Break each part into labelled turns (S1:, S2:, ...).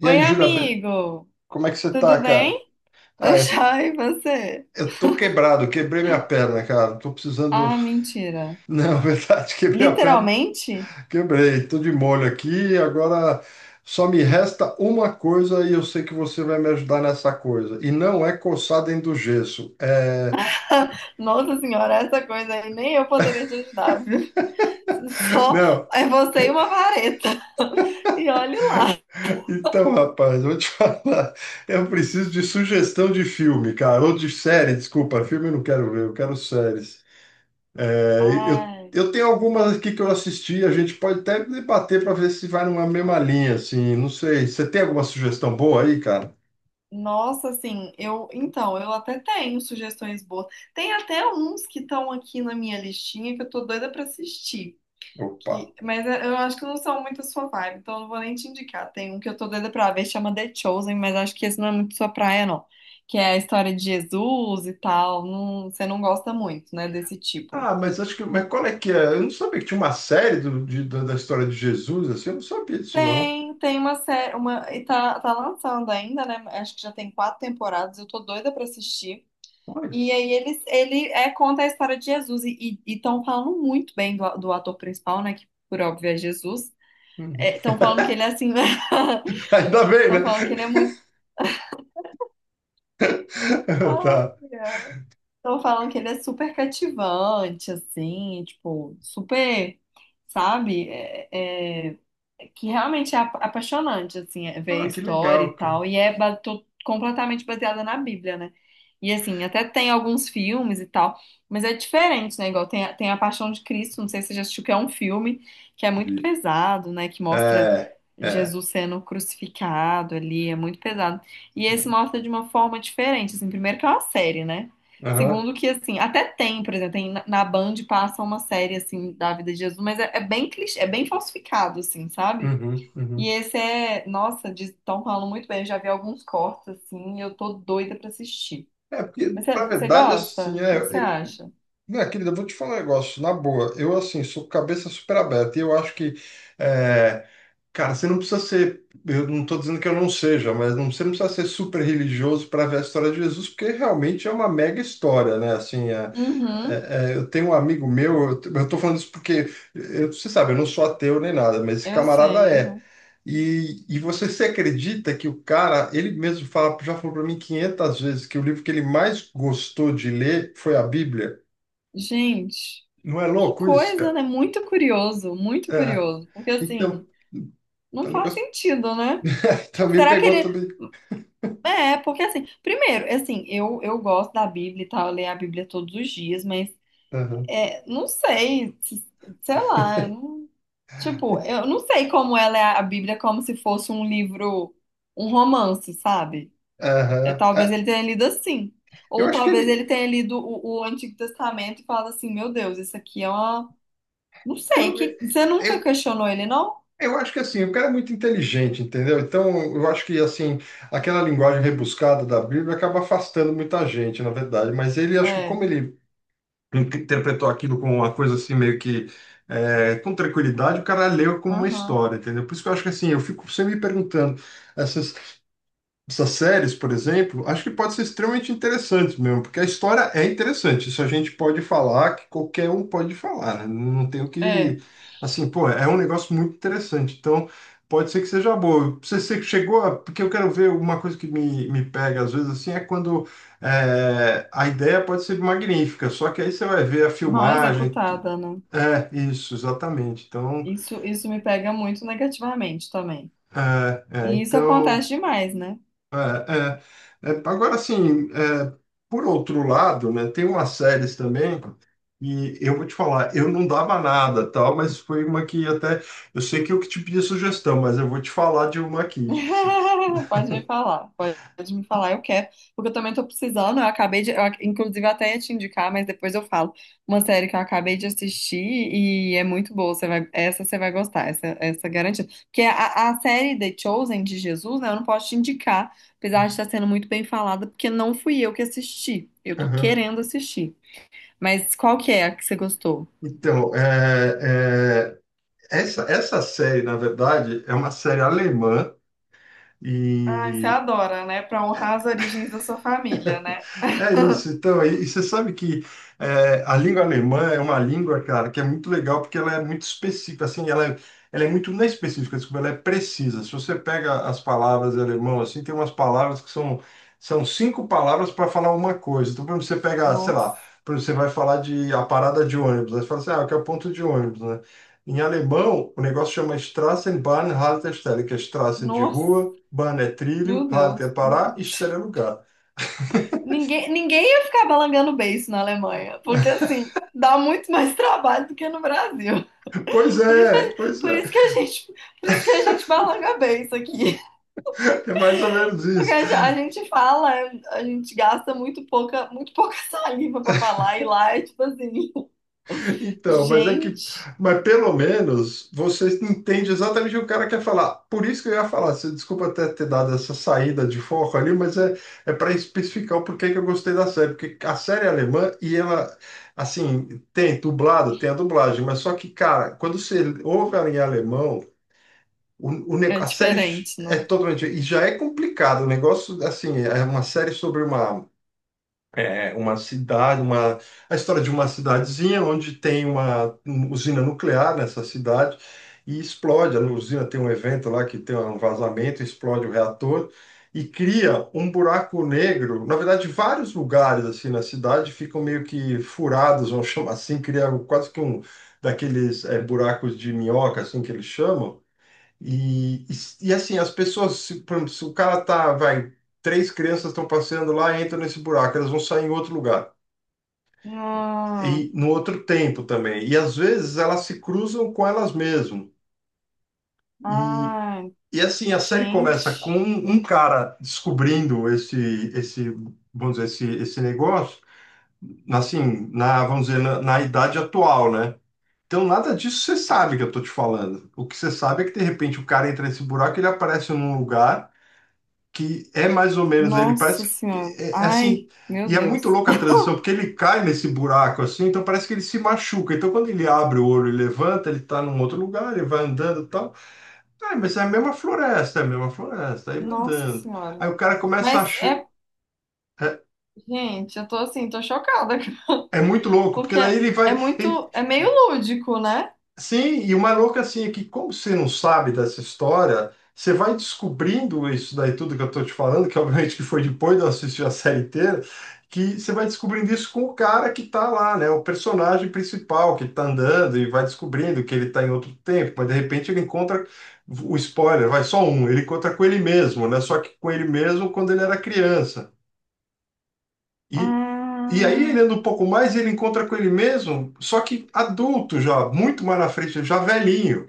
S1: E
S2: Oi,
S1: aí, Júlia, be-
S2: amigo!
S1: como é que você tá,
S2: Tudo
S1: cara?
S2: bem? Tá
S1: Ah, eu tô,
S2: joia, e você?
S1: eu tô quebrado, quebrei minha perna, cara. Tô precisando.
S2: Ah, mentira.
S1: Não, verdade, quebrei a perna,
S2: Literalmente?
S1: quebrei. Tô de molho aqui. Agora só me resta uma coisa e eu sei que você vai me ajudar nessa coisa. E não é coçar dentro do gesso. É.
S2: Nossa senhora, essa coisa aí nem eu poderia te ajudar, viu? Só
S1: Não,
S2: é você e uma vareta. E olhe lá.
S1: então, rapaz, eu vou te falar. Eu preciso de sugestão de filme, cara. Ou de série, desculpa. Filme eu não quero ver, eu quero séries. É, eu,
S2: Ai,
S1: eu tenho algumas aqui que eu assisti, a gente pode até debater para ver se vai numa mesma linha, assim, não sei. Você tem alguma sugestão boa aí, cara?
S2: nossa, assim, eu até tenho sugestões boas. Tem até uns que estão aqui na minha listinha que eu tô doida pra assistir.
S1: Opa.
S2: Mas é, eu acho que não são muito sua vibe, então eu não vou nem te indicar. Tem um que eu tô doida pra ver, chama The Chosen, mas acho que esse não é muito sua praia, não. Que é a história de Jesus e tal. Você não gosta muito, né, desse tipo.
S1: Ah, mas acho que. Mas qual é que é? Eu não sabia que tinha uma série da da história de Jesus, assim, eu não sabia disso, não.
S2: Tem, tem uma série, uma, e tá, tá lançando ainda, né? Acho que já tem quatro temporadas, eu tô doida pra assistir.
S1: Olha.
S2: E aí conta a história de Jesus e estão falando muito bem do ator principal, né? Que por óbvio é Jesus.
S1: Uhum.
S2: Estão falando que ele é assim,
S1: Ainda bem, né?
S2: estão falando que ele é muito.
S1: Tá.
S2: Ai, ai. Estão falando que ele é super cativante, assim, tipo, super, sabe? É que realmente é apaixonante, assim, é ver a
S1: Ah, que
S2: história
S1: legal,
S2: e
S1: cara.
S2: tal. E é completamente baseada na Bíblia, né? E, assim, até tem alguns filmes e tal, mas é diferente, né? Igual tem, tem A Paixão de Cristo, não sei se você já assistiu, que é um filme que é muito
S1: Vi.
S2: pesado, né? Que mostra
S1: É, é. É.
S2: Jesus sendo crucificado ali, é muito pesado. E esse mostra de uma forma diferente, assim, primeiro que é uma série, né?
S1: Aham,
S2: Segundo que, assim, até tem, por exemplo, tem, na Band passa uma série, assim, da vida de Jesus, mas é bem clichê, é bem falsificado, assim, sabe?
S1: uhum,
S2: E
S1: uhum.
S2: esse é, nossa, estão falando muito bem, eu já vi alguns cortes, assim, e eu tô doida pra assistir.
S1: É, porque,
S2: Mas
S1: na
S2: você
S1: verdade,
S2: gosta?
S1: assim,
S2: O
S1: é,
S2: que que você acha?
S1: minha querida, eu vou te falar um negócio, na boa, eu assim, sou cabeça super aberta e eu acho que, é, cara, você não precisa ser, eu não estou dizendo que eu não seja, mas não, você não precisa ser super religioso para ver a história de Jesus, porque realmente é uma mega história, né? Assim, é-
S2: Uhum,
S1: é- é, eu tenho um amigo meu, eu, estou falando isso porque, eu, você sabe, eu não sou ateu nem nada, mas esse
S2: eu
S1: camarada
S2: sei,
S1: é.
S2: aham.
S1: E você se acredita que o cara, ele mesmo fala, já falou para mim 500 vezes que o livro que ele mais gostou de ler foi a Bíblia?
S2: Gente,
S1: Não é
S2: que
S1: louco isso,
S2: coisa,
S1: cara?
S2: né? Muito curioso, muito
S1: É.
S2: curioso. Porque,
S1: Então,
S2: assim,
S1: o
S2: não faz
S1: negócio
S2: sentido, né? Tipo,
S1: também
S2: será que
S1: pegou
S2: ele.
S1: também.
S2: É, porque assim, primeiro, é assim, eu gosto da Bíblia e tal, eu leio a Bíblia todos os dias, mas
S1: Aham,
S2: é, não sei, sei lá, eu não- tipo, eu não sei como ela é a Bíblia como se fosse um livro, um romance, sabe? É,
S1: aham.
S2: talvez
S1: É,
S2: ele tenha lido assim.
S1: eu
S2: Ou
S1: acho que
S2: talvez ele
S1: ele.
S2: tenha lido o Antigo Testamento e fala assim, meu Deus, isso aqui é uma. Não sei,
S1: Então,
S2: que... você
S1: é,
S2: nunca
S1: eu,
S2: questionou ele, não?
S1: eu acho que assim, o cara é muito inteligente, entendeu? Então, eu acho que assim, aquela linguagem rebuscada da Bíblia acaba afastando muita gente, na verdade. Mas ele, acho que
S2: É,
S1: como ele in- interpretou aquilo com uma coisa assim, meio que é, com tranquilidade, o cara leu como uma
S2: aham,
S1: história, entendeu? Por isso que eu acho que assim, eu fico sempre me perguntando, essa essas séries, por exemplo, acho que pode ser extremamente interessante mesmo, porque a história é interessante. Isso a gente pode falar, que qualquer um pode falar, né? Não tem o
S2: é,
S1: que. Assim, pô, é um negócio muito interessante. Então, pode ser que seja boa. Você chegou a. Porque eu quero ver uma coisa que me pega, às vezes, assim, é quando é, a ideia pode ser magnífica, só que aí você vai ver a
S2: mal
S1: filmagem. Tu-
S2: executada, né?
S1: É, isso, exatamente.
S2: Isso me pega muito negativamente também. E isso
S1: Então.
S2: acontece demais, né?
S1: É, é, é, agora, assim, é, por outro lado, né, tem umas séries também, e eu vou te falar, eu não dava nada, tal, mas foi uma que até, eu sei que eu que te pedi sugestão, mas eu vou te falar de uma aqui. Que se-
S2: Pode me falar, eu quero, porque eu também tô precisando. Eu acabei de, inclusive, eu até ia te indicar, mas depois eu falo. Uma série que eu acabei de assistir e é muito boa. Você vai, essa você vai gostar, essa é garantida. Porque a série The Chosen de Jesus, né? Eu não posso te indicar, apesar de estar sendo muito bem falada, porque não fui eu que assisti. Eu tô
S1: Aham.
S2: querendo assistir. Mas qual que é a que você gostou?
S1: Então, é, é, essa série, na verdade, é uma série alemã
S2: Ah, você
S1: e
S2: adora, né? Pra honrar as origens da sua família, né?
S1: é isso, então, e você sabe que é, a língua alemã é uma língua, cara, que é muito legal porque ela é muito específica, assim, ela é muito, não é específica, desculpa, ela é precisa. Se você pega as palavras em alemão, assim, tem umas palavras que são, são cinco palavras para falar uma coisa. Então, por exemplo, você pega, sei
S2: Nossa,
S1: lá, por exemplo, você vai falar de a parada de ônibus, aí você fala assim, ah, que é o ponto de ônibus, né? Em alemão, o negócio chama Straßenbahn, Haltestelle, que é Straßen de
S2: nossa,
S1: rua, Bahn é trilho,
S2: meu
S1: Halt é
S2: Deus.
S1: parar, e Stelle é lugar.
S2: Ninguém, ninguém ia ficar balangando beiço na Alemanha, porque assim, dá muito mais trabalho do que no Brasil.
S1: Pois é, pois
S2: Por
S1: é,
S2: isso que a gente, por isso que a gente balanga beiço aqui.
S1: é mais ou menos
S2: Porque
S1: isso.
S2: a gente fala, a gente gasta muito pouca saliva pra falar, e lá é tipo assim,
S1: Então, mas é que,
S2: gente,
S1: mas pelo menos você entende exatamente o que o cara quer falar. Por isso que eu ia falar, você, desculpa até ter dado essa saída de foco ali, mas é, é para especificar o porquê que eu gostei da série, porque a série é alemã e ela, assim, tem dublado, tem a dublagem, mas só que, cara, quando você ouve ela em alemão, o ne-
S2: é
S1: a série
S2: diferente,
S1: é
S2: né?
S1: totalmente. E já é complicado. O negócio, assim, é uma série sobre uma, é uma cidade, uma, a história de uma cidadezinha onde tem uma usina nuclear nessa cidade e explode. A usina tem um evento lá que tem um vazamento, explode o reator e cria um buraco negro. Na verdade, vários lugares assim na cidade ficam meio que furados, vamos chamar assim, cria quase que um daqueles buracos de minhoca, assim que eles chamam e assim, as pessoas, se, por exemplo, se o cara tá, vai, três crianças estão passeando lá, entram nesse buraco, elas vão sair em outro lugar.
S2: Ah,
S1: E no outro tempo também. E às vezes elas se cruzam com elas mesmas. E,
S2: ai,
S1: e assim, a série começa com
S2: gente.
S1: um cara descobrindo esse, esse, vamos dizer, esse negócio, assim, na, vamos dizer, na idade atual, né? Então, nada disso você sabe que eu tô te falando. O que você sabe é que, de repente, o cara entra nesse buraco, ele aparece num lugar. Que é mais ou menos ele
S2: Nossa
S1: parece que-
S2: Senhora.
S1: é, é assim
S2: Ai, meu
S1: e é muito
S2: Deus.
S1: louca a transição porque ele cai nesse buraco assim então parece que ele se machuca então quando ele abre o olho e levanta ele está num outro lugar ele vai andando e tal, ah, mas é a mesma floresta é a mesma floresta aí vai
S2: Nossa
S1: andando
S2: Senhora.
S1: aí o cara começa a
S2: Mas
S1: ach-
S2: é,
S1: é,
S2: gente, eu tô assim, tô chocada,
S1: é muito louco porque
S2: porque
S1: daí ele
S2: é
S1: vai ele.
S2: muito, é meio lúdico, né?
S1: Sim, e o mais louco é, assim é que, como você não sabe dessa história, você vai descobrindo isso daí, tudo que eu tô te falando, que obviamente que foi depois de eu assistir a série inteira, que você vai descobrindo isso com o cara que tá lá, né? O personagem principal que tá andando e vai descobrindo que ele tá em outro tempo, mas de repente ele encontra o spoiler, vai só um, ele encontra com ele mesmo, né? Só que com ele mesmo quando ele era criança. E, e aí ele anda um
S2: Ah,
S1: pouco mais e ele encontra com ele mesmo, só que adulto já, muito mais na frente, já velhinho.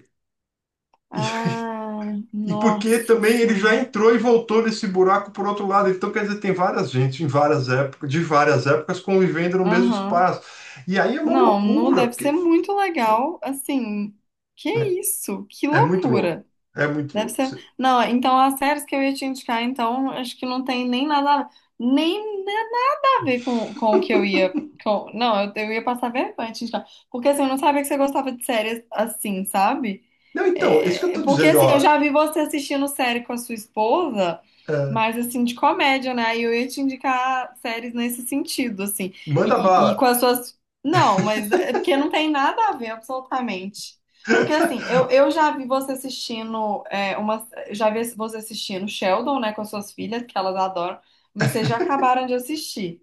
S2: ah,
S1: E porque
S2: nossa
S1: também ele já
S2: Senhora.
S1: entrou e voltou desse buraco por outro lado. Então, quer dizer, tem várias gente em várias épocas, de várias épocas convivendo no mesmo
S2: Aham.
S1: espaço. E aí é uma
S2: Não, não
S1: loucura,
S2: deve ser
S1: porque
S2: muito legal, assim. Que
S1: né,
S2: isso? Que
S1: é muito louco.
S2: loucura.
S1: É muito
S2: Deve
S1: louco.
S2: ser.
S1: Você-
S2: Não, então as séries que eu ia te indicar, então, acho que não tem nem nada, nem nada a ver com o que eu ia. Com... Não, eu ia passar vergonha, gente, não. Porque assim, eu não sabia que você gostava de séries assim, sabe?
S1: Não, então, isso que eu
S2: É,
S1: tô
S2: porque
S1: dizendo,
S2: assim, eu
S1: ó,
S2: já vi você assistindo série com a sua esposa,
S1: é,
S2: mas assim, de comédia, né? E eu ia te indicar séries nesse sentido, assim.
S1: manda
S2: E, e com
S1: bala.
S2: as suas. Não, mas é porque não tem nada a ver, absolutamente. Porque assim, eu já vi você assistindo é, uma. Já vi você assistindo Sheldon, né, com as suas filhas, que elas adoram, mas vocês já acabaram de assistir.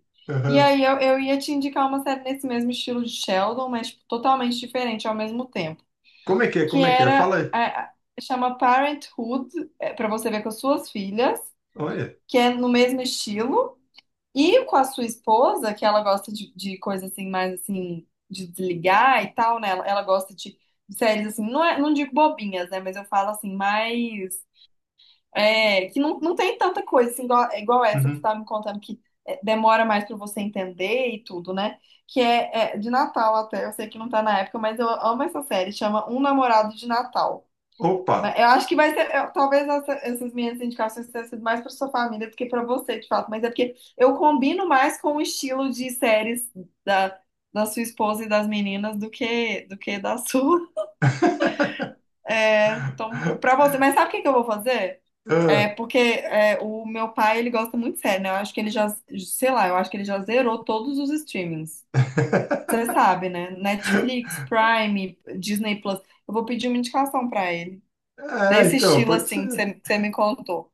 S2: E
S1: Aham.
S2: aí eu ia te indicar uma série nesse mesmo estilo de Sheldon, mas tipo, totalmente diferente ao mesmo tempo
S1: Como é que é?
S2: que
S1: Como é que é?
S2: era
S1: Fala aí.
S2: chama Parenthood, para você ver com as suas filhas,
S1: Olha.
S2: que é no mesmo estilo, e com a sua esposa, que ela gosta de coisa assim, mais assim, de desligar e tal, né? Ela gosta de séries assim, não, é, não digo bobinhas, né? Mas eu falo assim, mais. É, que não, não tem tanta coisa assim, igual, é igual essa que você
S1: Uhum.
S2: estava me contando, que é, demora mais para você entender e tudo, né? Que é, é de Natal até, eu sei que não tá na época, mas eu amo essa série, chama Um Namorado de Natal.
S1: Opa.
S2: Mas eu acho que vai ser. Talvez essas minhas indicações tenham sido mais para sua família do que para você, de fato. Mas é porque eu combino mais com o estilo de séries da, da sua esposa e das meninas do que da sua. Né? Então, para você. Mas sabe o que que eu vou fazer? É porque é, o meu pai, ele gosta muito de série, né? Eu acho que ele já, sei lá, eu acho que ele já zerou todos os streamings. Você sabe, né? Netflix, Prime, Disney Plus. Eu vou pedir uma indicação para ele,
S1: Ah, é,
S2: desse
S1: então,
S2: estilo
S1: pode
S2: assim
S1: ser.
S2: que você me contou.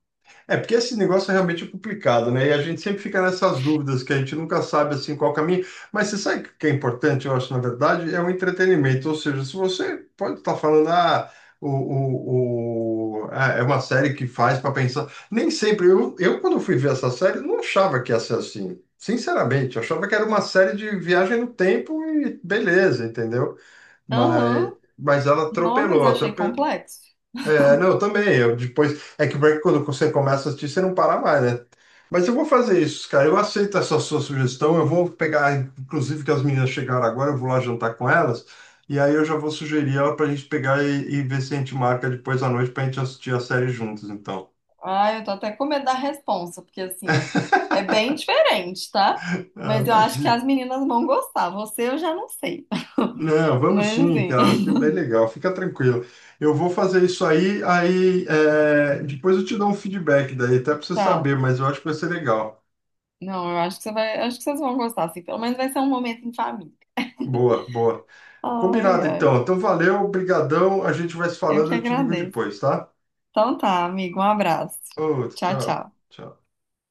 S1: É, porque esse negócio é realmente complicado, né? E a gente sempre fica nessas dúvidas que a gente nunca sabe assim qual caminho. Mas você sabe o que é importante, eu acho, na verdade, é o entretenimento. Ou seja, se você pode estar falando, ah, o ah, é uma série que faz para pensar. Nem sempre. Eu, quando fui ver essa série, não achava que ia ser assim. Sinceramente, eu achava que era uma série de viagem no tempo e beleza, entendeu? Mas,
S2: Aham.
S1: mas ela
S2: Não, mas
S1: atropelou,
S2: achei
S1: atropelou.
S2: complexo.
S1: É, não, eu também. Eu depois. É que o break, quando você começa a assistir, você não para mais, né? Mas eu vou fazer isso, cara. Eu aceito essa sua sugestão. Eu vou pegar, inclusive, que as meninas chegaram agora, eu vou lá jantar com elas. E aí eu já vou sugerir ela pra gente pegar e ver se a gente marca depois à noite pra gente assistir a série juntos, então.
S2: Ah, eu tô até com medo da resposta, porque assim, é bem diferente, tá?
S1: Ah,
S2: Mas eu acho que
S1: imagina.
S2: as meninas vão gostar. Você eu já não sei.
S1: Não, vamos
S2: Mas
S1: sim,
S2: assim,
S1: cara. Acho que é bem legal. Fica tranquilo. Eu vou fazer isso aí, aí é, depois eu te dou um feedback daí, até pra você
S2: tá.
S1: saber, mas eu acho que vai ser legal.
S2: Não, eu acho que você vai, acho que vocês vão gostar, assim. Pelo menos vai ser um momento em família.
S1: Boa, boa.
S2: Ai,
S1: Combinado,
S2: ai.
S1: então. Então, valeu, brigadão. A gente vai se
S2: Eu
S1: falando,
S2: que
S1: eu te ligo
S2: agradeço.
S1: depois, tá?
S2: Então tá, amigo, um abraço.
S1: Outro,
S2: Tchau,
S1: tchau.
S2: tchau.
S1: Tchau.